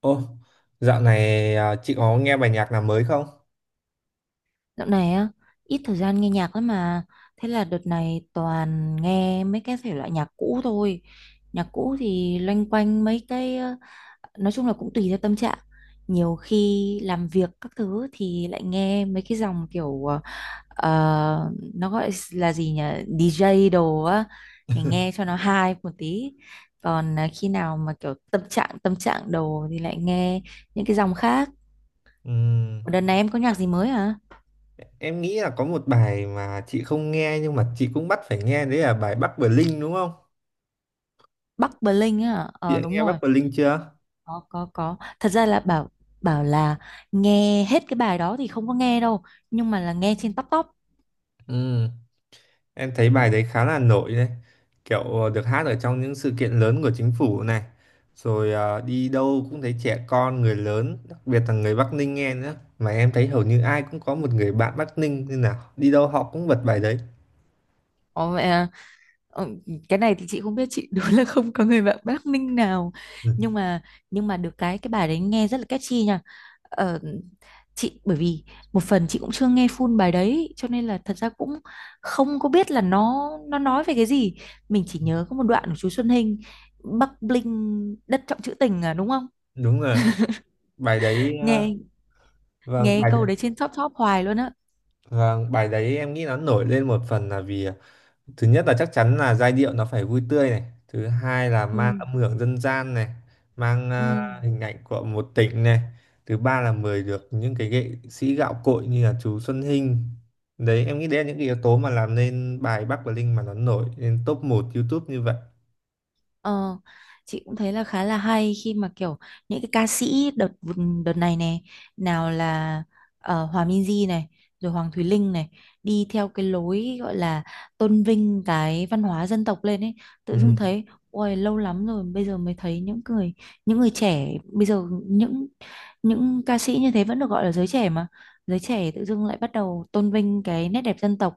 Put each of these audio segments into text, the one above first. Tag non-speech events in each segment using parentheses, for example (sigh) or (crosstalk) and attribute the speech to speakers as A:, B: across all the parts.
A: Ô, dạo này à, chị có nghe bài nhạc nào mới không?
B: Dạo này á, ít thời gian nghe nhạc lắm mà. Thế là đợt này toàn nghe mấy cái thể loại nhạc cũ thôi. Nhạc cũ thì loanh quanh mấy cái, nói chung là cũng tùy theo tâm trạng. Nhiều khi làm việc các thứ thì lại nghe mấy cái dòng kiểu, nó gọi là gì nhỉ? DJ đồ á, để nghe
A: (laughs)
B: cho nó hay một tí. Còn khi nào mà kiểu tâm trạng đồ thì lại nghe những cái dòng khác.
A: Ừm,
B: Đợt này em có nhạc gì mới hả?
A: em nghĩ là có một bài mà chị không nghe nhưng mà chị cũng bắt phải nghe đấy là bài Bắc Bling đúng không?
B: Bắc Bling Linh á,
A: Chị đã
B: đúng
A: nghe Bắc
B: rồi.
A: Bling chưa?
B: Có, thật ra là bảo bảo là nghe hết cái bài đó thì không có nghe đâu, nhưng mà là nghe trên top top.
A: Ừm, em thấy bài đấy khá là nổi đấy. Kiểu được hát ở trong những sự kiện lớn của chính phủ này. Rồi à, đi đâu cũng thấy trẻ con, người lớn, đặc biệt là người Bắc Ninh nghe nữa. Mà em thấy hầu như ai cũng có một người bạn Bắc Ninh nên là đi đâu họ cũng bật bài đấy.
B: Ồ, mẹ à. Ờ, cái này thì chị không biết chị (laughs) đúng là không có người bạn Bắc Ninh nào,
A: Ừ.
B: nhưng mà nhưng mà được cái bài đấy nghe rất là catchy nha. ờ, chị bởi vì một phần chị cũng chưa nghe full bài đấy cho nên là thật ra cũng không có biết là nó nói về cái gì. Mình chỉ nhớ có một đoạn của chú Xuân Hinh: Bắc Bling đất trọng trữ tình à đúng không?
A: Đúng rồi, bài đấy ờ,
B: nghe
A: Vâng,
B: nghe
A: bài đấy,
B: câu đấy trên top top hoài luôn á.
A: vâng, bài đấy em nghĩ nó nổi lên một phần là vì thứ nhất là chắc chắn là giai điệu nó phải vui tươi này, thứ hai là
B: Ừ.
A: mang âm hưởng dân gian này, mang
B: Ừ.
A: hình ảnh của một tỉnh này, thứ ba là mời được những cái nghệ sĩ gạo cội như là chú Xuân Hinh. Đấy, em nghĩ đấy là những cái yếu tố mà làm nên bài Bắc và Linh mà nó nổi lên top một YouTube như vậy.
B: Ờ, chị cũng thấy là khá là hay khi mà kiểu những cái ca sĩ đợt đợt này này, nào là Hòa Minzy này, rồi Hoàng Thùy Linh này, đi theo cái lối gọi là tôn vinh cái văn hóa dân tộc lên ấy, tự
A: Ừ.
B: dưng thấy ôi lâu lắm rồi bây giờ mới thấy những người trẻ bây giờ, những ca sĩ như thế vẫn được gọi là giới trẻ mà giới trẻ tự dưng lại bắt đầu tôn vinh cái nét đẹp dân tộc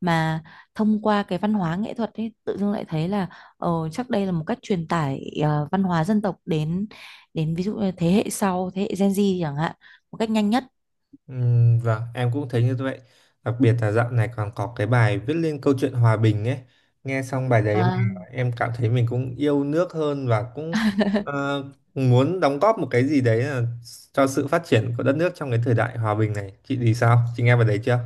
B: mà thông qua cái văn hóa nghệ thuật ấy, tự dưng lại thấy là Chắc đây là một cách truyền tải văn hóa dân tộc đến đến ví dụ như thế hệ sau, thế hệ Gen Z chẳng hạn, một cách nhanh nhất.
A: Vâng, em cũng thấy như vậy. Đặc biệt là dạo này còn có cái bài viết lên câu chuyện hòa bình ấy. Nghe xong bài đấy mà
B: À.
A: em cảm thấy mình cũng yêu nước hơn và cũng ờ, muốn đóng góp một cái gì đấy là cho sự phát triển của đất nước trong cái thời đại hòa bình này. Chị thì sao? Chị nghe bài đấy chưa?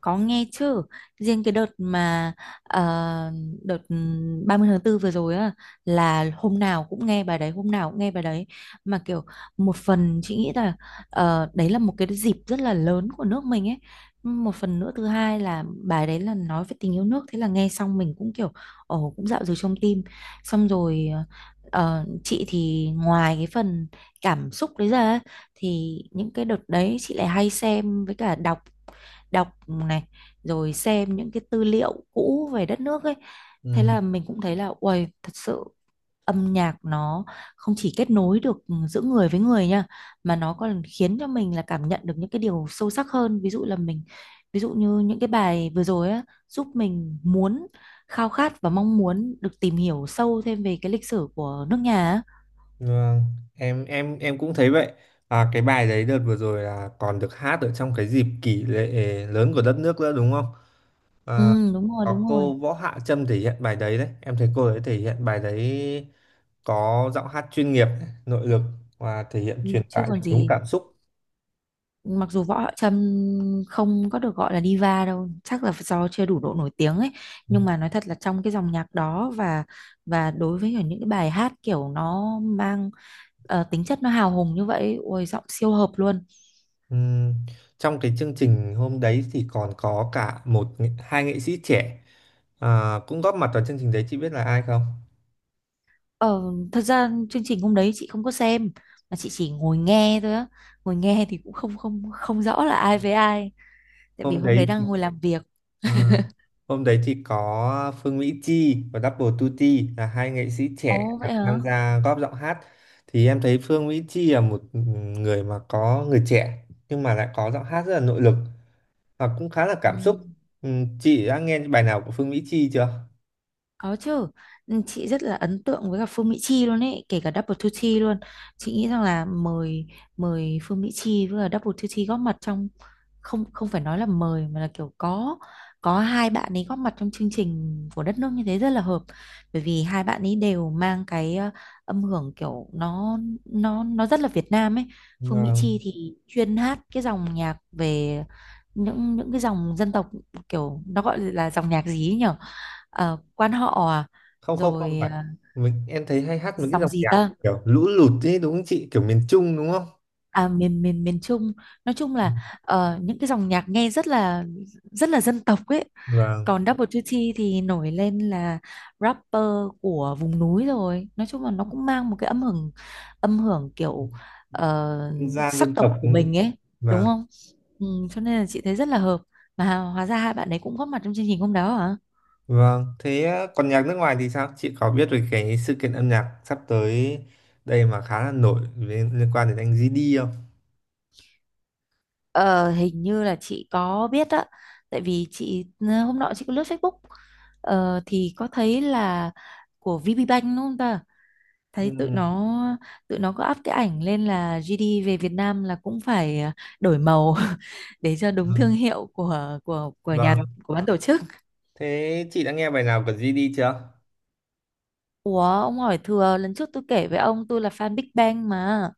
B: Có nghe chứ, riêng cái đợt mà ờ, đợt 30 tháng 4 vừa rồi á là hôm nào cũng nghe bài đấy, hôm nào cũng nghe bài đấy, mà kiểu một phần chị nghĩ là đấy là một cái dịp rất là lớn của nước mình ấy. Một phần nữa thứ hai là bài đấy là nói về tình yêu nước, thế là nghe xong mình cũng kiểu ồ cũng dạo dừng trong tim. Xong rồi chị thì ngoài cái phần cảm xúc đấy ra á, thì những cái đợt đấy chị lại hay xem với cả đọc, đọc này, rồi xem những cái tư liệu cũ về đất nước ấy, thế
A: Ừm,
B: là mình cũng thấy là uầy thật sự âm nhạc nó không chỉ kết nối được giữa người với người nha, mà nó còn khiến cho mình là cảm nhận được những cái điều sâu sắc hơn, ví dụ như những cái bài vừa rồi á giúp mình muốn khao khát và mong muốn được tìm hiểu sâu thêm về cái lịch sử của nước nhà á.
A: vâng, em cũng thấy vậy. À, cái bài đấy đợt vừa rồi là còn được hát ở trong cái dịp kỷ lễ lớn của đất nước nữa đúng không? Ờ,
B: Ừ, đúng rồi, đúng
A: có
B: rồi.
A: cô Võ Hạ Trâm thể hiện bài đấy đấy, em thấy cô ấy thể hiện bài đấy có giọng hát chuyên nghiệp này, nội lực và thể hiện
B: Ừ,
A: truyền
B: chứ
A: tải
B: còn
A: được đúng
B: gì.
A: cảm xúc.
B: Mặc dù Võ Hạo Trâm không có được gọi là diva đâu, chắc là do chưa đủ độ nổi tiếng ấy, nhưng mà nói thật là trong cái dòng nhạc đó, và đối với cả những cái bài hát kiểu nó mang tính chất nó hào hùng như vậy, ôi giọng siêu hợp luôn.
A: Ừm, Trong cái chương trình hôm đấy thì còn có cả một hai nghệ sĩ trẻ cũng góp mặt vào chương trình đấy, chị biết là ai không?
B: ờ, Thật ra chương trình hôm đấy chị không có xem, mà chị chỉ ngồi nghe thôi á, ngồi nghe thì cũng không không không rõ là ai với ai, tại vì
A: hôm
B: hôm đấy
A: đấy
B: đang ngồi làm việc.
A: Ờ, Hôm đấy thì có Phương Mỹ Chi và Double Tutti là hai nghệ sĩ trẻ
B: Ồ
A: được
B: vậy hả.
A: tham gia góp giọng hát. Thì em thấy Phương Mỹ Chi là một người mà có người trẻ nhưng mà lại có giọng hát rất là nội lực và cũng khá là
B: Ừ.
A: cảm xúc. Ừ, chị đã nghe bài nào của Phương Mỹ Chi chưa?
B: Có chứ. Ừ, chị rất là ấn tượng với cả Phương Mỹ Chi luôn ấy, kể cả Double Duty luôn. Chị nghĩ rằng là mời mời Phương Mỹ Chi với cả Double Duty góp mặt trong, không không phải nói là mời, mà là kiểu có hai bạn ấy góp mặt trong chương trình của đất nước như thế rất là hợp. Bởi vì hai bạn ấy đều mang cái âm hưởng kiểu nó rất là Việt Nam ấy. Phương Mỹ Chi
A: Vâng.
B: thì chuyên hát cái dòng nhạc về những cái dòng dân tộc, kiểu nó gọi là dòng nhạc gì ấy nhỉ? Quan họ à?
A: Không, không, không
B: Rồi
A: phải, mình em thấy hay hát một cái
B: dòng
A: dòng
B: gì
A: nhạc
B: ta?
A: kiểu lũ lụt ấy đúng không chị, kiểu miền Trung đúng không?
B: À, miền miền miền Trung, nói chung là những cái dòng nhạc nghe rất là dân tộc ấy.
A: Vâng.
B: Còn Double Duty thì nổi lên là rapper của vùng núi, rồi nói chung là nó cũng mang một cái âm hưởng kiểu ờ,
A: Dân gian
B: sắc
A: dân tộc
B: tộc của
A: đúng không?
B: mình ấy đúng
A: Vâng.
B: không? Ừ, cho nên là chị thấy rất là hợp, mà hóa ra hai bạn ấy cũng góp mặt trong chương trình hôm đó hả.
A: Vâng, thế á, còn nhạc nước ngoài thì sao? Chị có biết về cái sự kiện âm nhạc sắp tới đây mà khá là nổi liên quan đến anh GD không?
B: Ờ, hình như là chị có biết á, tại vì hôm nọ chị có lướt Facebook, thì có thấy là của VPBank đúng không ta,
A: Ừ,
B: thấy tụi nó có up cái ảnh lên là GD về Việt Nam là cũng phải đổi màu (laughs) để cho đúng thương
A: vâng.
B: hiệu của nhà,
A: Vâng.
B: của ban tổ chức.
A: Thế chị đã nghe bài nào của GD chưa?
B: Ủa ông hỏi thừa, lần trước tôi kể với ông tôi là fan Big Bang mà,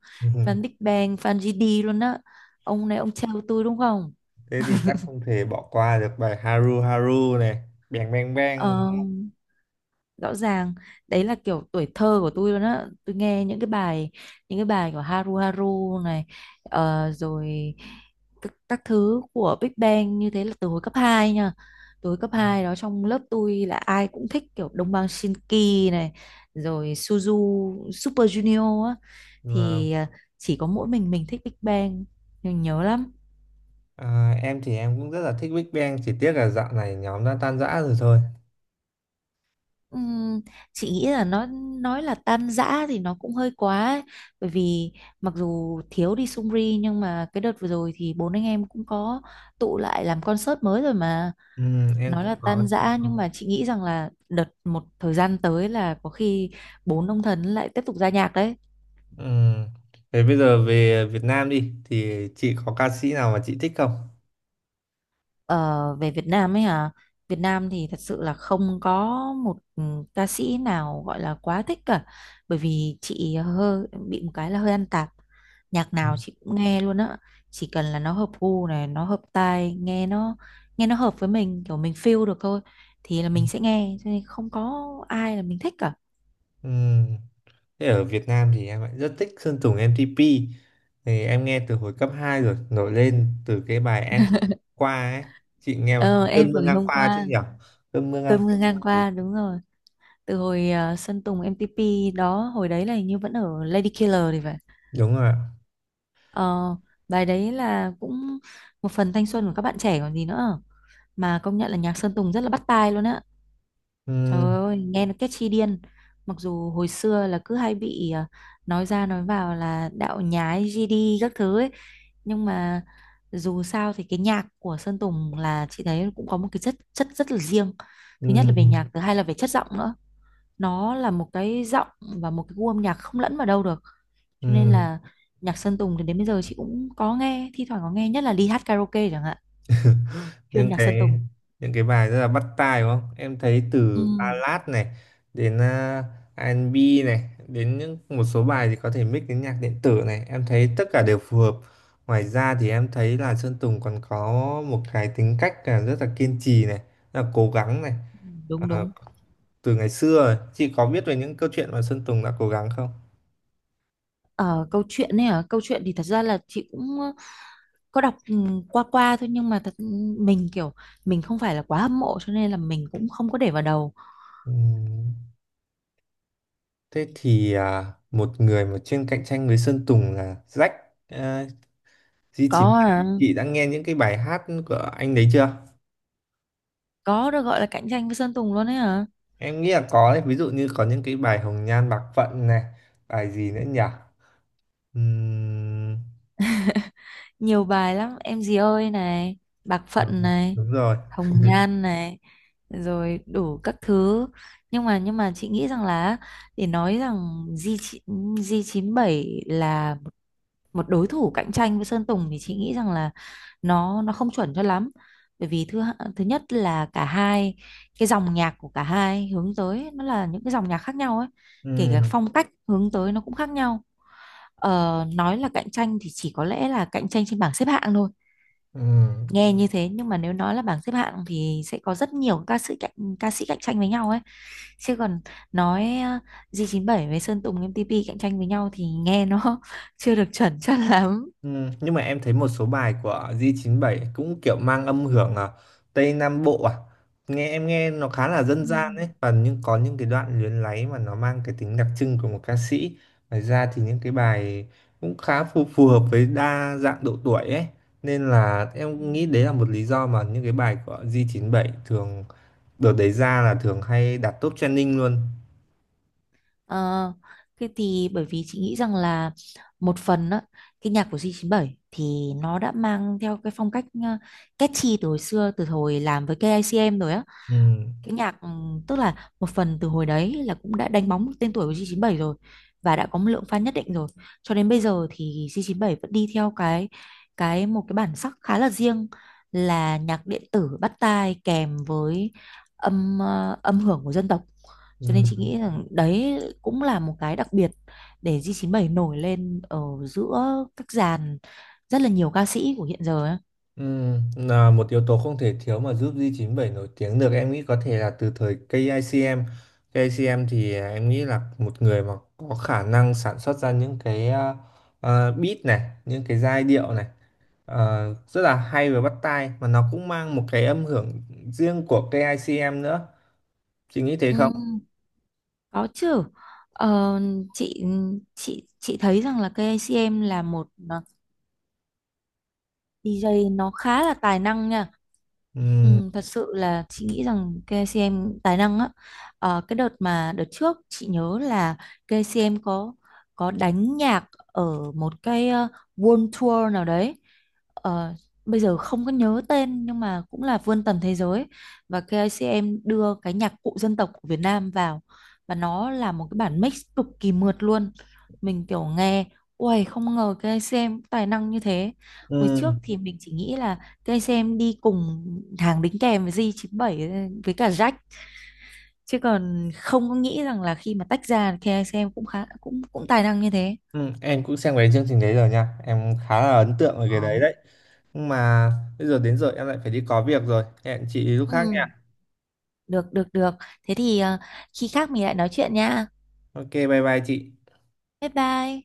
B: fan Big
A: (laughs)
B: Bang fan GD luôn á, ông này ông trêu tôi đúng không?
A: Thế thì chắc không thể bỏ qua được bài Haru Haru này, Bang Bang
B: Ờ
A: Bang.
B: rõ ràng đấy là kiểu tuổi thơ của tôi luôn á, tôi nghe những cái bài của Haru Haru này, rồi các thứ của Big Bang như thế là từ hồi cấp 2 nha, từ hồi cấp 2 đó trong lớp tôi là ai cũng thích kiểu Đông Bang Shinki này, rồi Suzu Super Junior á,
A: Vâng.
B: thì chỉ có mỗi mình thích Big Bang, mình nhớ lắm.
A: À, em thì em cũng rất là thích Big Bang, chỉ tiếc là dạo này nhóm đã tan rã rồi thôi.
B: Ừm, chị nghĩ là nó nói là tan rã thì nó cũng hơi quá ấy. Bởi vì mặc dù thiếu đi Sungri, nhưng mà cái đợt vừa rồi thì bốn anh em cũng có tụ lại làm concert mới rồi mà.
A: Ừ, em
B: Nói là
A: cũng
B: tan
A: có.
B: rã nhưng mà chị nghĩ rằng là đợt một thời gian tới là có khi bốn ông thần lại tiếp tục ra nhạc đấy.
A: Ừ. Thế bây giờ về Việt Nam đi, thì chị có ca sĩ nào mà chị thích không?
B: Ờ, về Việt Nam ấy hả? Việt Nam thì thật sự là không có một ca sĩ nào gọi là quá thích cả. Bởi vì chị hơi bị một cái là hơi ăn tạp. Nhạc nào chị cũng nghe luôn á. Chỉ cần là nó hợp gu này, nó hợp tai, nghe nó hợp với mình, kiểu mình feel được thôi thì là mình
A: Ừm,
B: sẽ nghe, cho nên không có ai là mình thích cả.
A: Thế ở Việt Nam thì em lại rất thích Sơn Tùng M-TP, thì em nghe từ hồi cấp 2 rồi, nổi lên từ cái bài em qua ấy. Chị nghe bài
B: Ờ em
A: cơn mưa
B: vừa ngày
A: ngang
B: hôm
A: qua chứ
B: qua.
A: nhỉ? Cơn mưa ngang
B: Cơn mưa
A: qua.
B: ngang qua
A: Ừ,
B: đúng rồi. Từ hồi Sơn Tùng MTP đó, hồi đấy là hình như vẫn ở Lady Killer thì phải.
A: đúng rồi ạ.
B: Ờ, bài đấy là cũng một phần thanh xuân của các bạn trẻ còn gì nữa. Mà công nhận là nhạc Sơn Tùng rất là bắt tai luôn á. Trời
A: Ừm,
B: ơi, nghe nó catchy điên. Mặc dù hồi xưa là cứ hay bị nói ra nói vào là đạo nhái GD các thứ ấy. Nhưng mà dù sao thì cái nhạc của Sơn Tùng là chị thấy cũng có một cái chất chất rất là riêng. Thứ nhất là về nhạc,
A: ừm,
B: thứ hai là về chất giọng nữa, nó là một cái giọng và một cái gu âm nhạc không lẫn vào đâu được, cho nên
A: ừm.
B: là nhạc Sơn Tùng thì đến bây giờ chị cũng có nghe, thi thoảng có nghe nhất là đi hát karaoke chẳng hạn, chuyên
A: những
B: nhạc Sơn
A: cái
B: Tùng.
A: những cái bài rất là bắt tai đúng không, em thấy
B: Ừ.
A: từ ballad này đến R&B này, đến những một số bài thì có thể mix đến nhạc điện tử này, em thấy tất cả đều phù hợp. Ngoài ra thì em thấy là Sơn Tùng còn có một cái tính cách là rất là kiên trì này, rất là cố gắng này.
B: Ừ, đúng,
A: Ờ,
B: đúng.
A: Từ ngày xưa rồi. Chị có biết về những câu chuyện mà Sơn Tùng đã cố gắng không?
B: Ở câu chuyện thì thật ra là chị cũng có đọc qua qua thôi, nhưng mà thật mình kiểu mình không phải là quá hâm mộ cho nên là mình cũng không có để vào đầu.
A: Ừm, Thế thì một người mà chuyên cạnh tranh với Sơn Tùng là Jack, à, Duy Chín,
B: có ờ,
A: chị đã nghe những cái bài hát của anh đấy chưa?
B: có được gọi là cạnh tranh với Sơn Tùng luôn ấy hả?
A: Em nghĩ là có đấy, ví dụ như có những cái bài Hồng Nhan Bạc Phận này, bài gì nữa nhỉ? Ừm,
B: Nhiều bài lắm em gì ơi này, bạc phận này,
A: đúng rồi.
B: hồng nhan này, rồi đủ các thứ. Nhưng mà chị nghĩ rằng là để nói rằng G g chín bảy là một đối thủ cạnh tranh với Sơn Tùng thì chị nghĩ rằng là nó không chuẩn cho lắm, bởi vì thứ nhất là cả hai cái dòng nhạc của cả hai hướng tới nó là những cái dòng nhạc khác nhau ấy, kể cả
A: Ừm,
B: phong cách hướng tới nó cũng khác nhau. Nói là cạnh tranh thì chỉ có lẽ là cạnh tranh trên bảng xếp hạng thôi,
A: ừm.
B: nghe như thế, nhưng mà nếu nói là bảng xếp hạng thì sẽ có rất nhiều ca sĩ cạnh tranh với nhau ấy, chứ còn nói G97 với Sơn Tùng MTP cạnh tranh với nhau thì nghe nó (laughs) chưa được chuẩn chắc lắm.
A: Ừ, nhưng mà em thấy một số bài của gi chín bảy cũng kiểu mang âm hưởng Tây Nam Bộ, nghe em nghe nó khá là dân
B: Ừ.
A: gian ấy, và nhưng có những cái đoạn luyến láy mà nó mang cái tính đặc trưng của một ca sĩ. Ngoài ra thì những cái bài cũng khá phù hợp với đa dạng độ tuổi ấy, nên là
B: Ừ.
A: em nghĩ đấy là một lý do mà những cái bài của gi chín bảy thường đợt đấy ra là thường hay đạt top trending luôn.
B: Ờ, cái thì bởi vì chị nghĩ rằng là một phần á, cái nhạc của G97 thì nó đã mang theo cái phong cách catchy từ hồi xưa, từ hồi làm với KICM rồi á,
A: Ừ.
B: cái nhạc tức là một phần từ hồi đấy là cũng đã đánh bóng tên tuổi của G97 rồi và đã có một lượng fan nhất định rồi, cho đến bây giờ thì G97 vẫn đi theo cái một cái bản sắc khá là riêng, là nhạc điện tử bắt tai kèm với âm hưởng của dân tộc,
A: Ừ.
B: cho nên chị nghĩ rằng đấy cũng là một cái đặc biệt để G97 nổi lên ở giữa các dàn rất là nhiều ca sĩ của hiện giờ ấy.
A: Là một yếu tố không thể thiếu mà giúp gi chín bảy nổi tiếng được, em nghĩ có thể là từ thời KICM. KICM thì em nghĩ là một người mà có khả năng sản xuất ra những cái beat này, những cái giai điệu này rất là hay và bắt tai, mà nó cũng mang một cái âm hưởng riêng của KICM nữa. Chị nghĩ thế không?
B: Ừ, có chứ. Ờ, chị chị thấy rằng là KCM là một DJ nó khá là tài năng nha.
A: Ừm,
B: Ừ, thật sự là chị nghĩ rằng KCM tài năng á. Ờ, cái đợt mà đợt trước chị nhớ là KCM có đánh nhạc ở một cái World Tour nào đấy. Ờ, bây giờ không có nhớ tên nhưng mà cũng là vươn tầm thế giới, và KCM đưa cái nhạc cụ dân tộc của Việt Nam vào, và nó là một cái bản mix cực kỳ mượt luôn. Mình kiểu nghe, ui không ngờ KCM tài năng như thế. Hồi trước
A: ừm,
B: thì mình chỉ nghĩ là cây sen đi cùng hàng đính kèm với G97 với cả Jack, chứ còn không có nghĩ rằng là khi mà tách ra cây sen cũng khá cũng cũng tài năng như thế.
A: Em cũng xem cái chương trình đấy rồi nha. Em khá là ấn tượng về
B: Ờ.
A: cái đấy đấy. Nhưng mà bây giờ đến giờ em lại phải đi có việc rồi. Hẹn chị lúc
B: Ừ,
A: khác.
B: được, được, được. Thế thì khi khác mình lại nói chuyện nha.
A: Ok, bye bye chị.
B: Bye bye.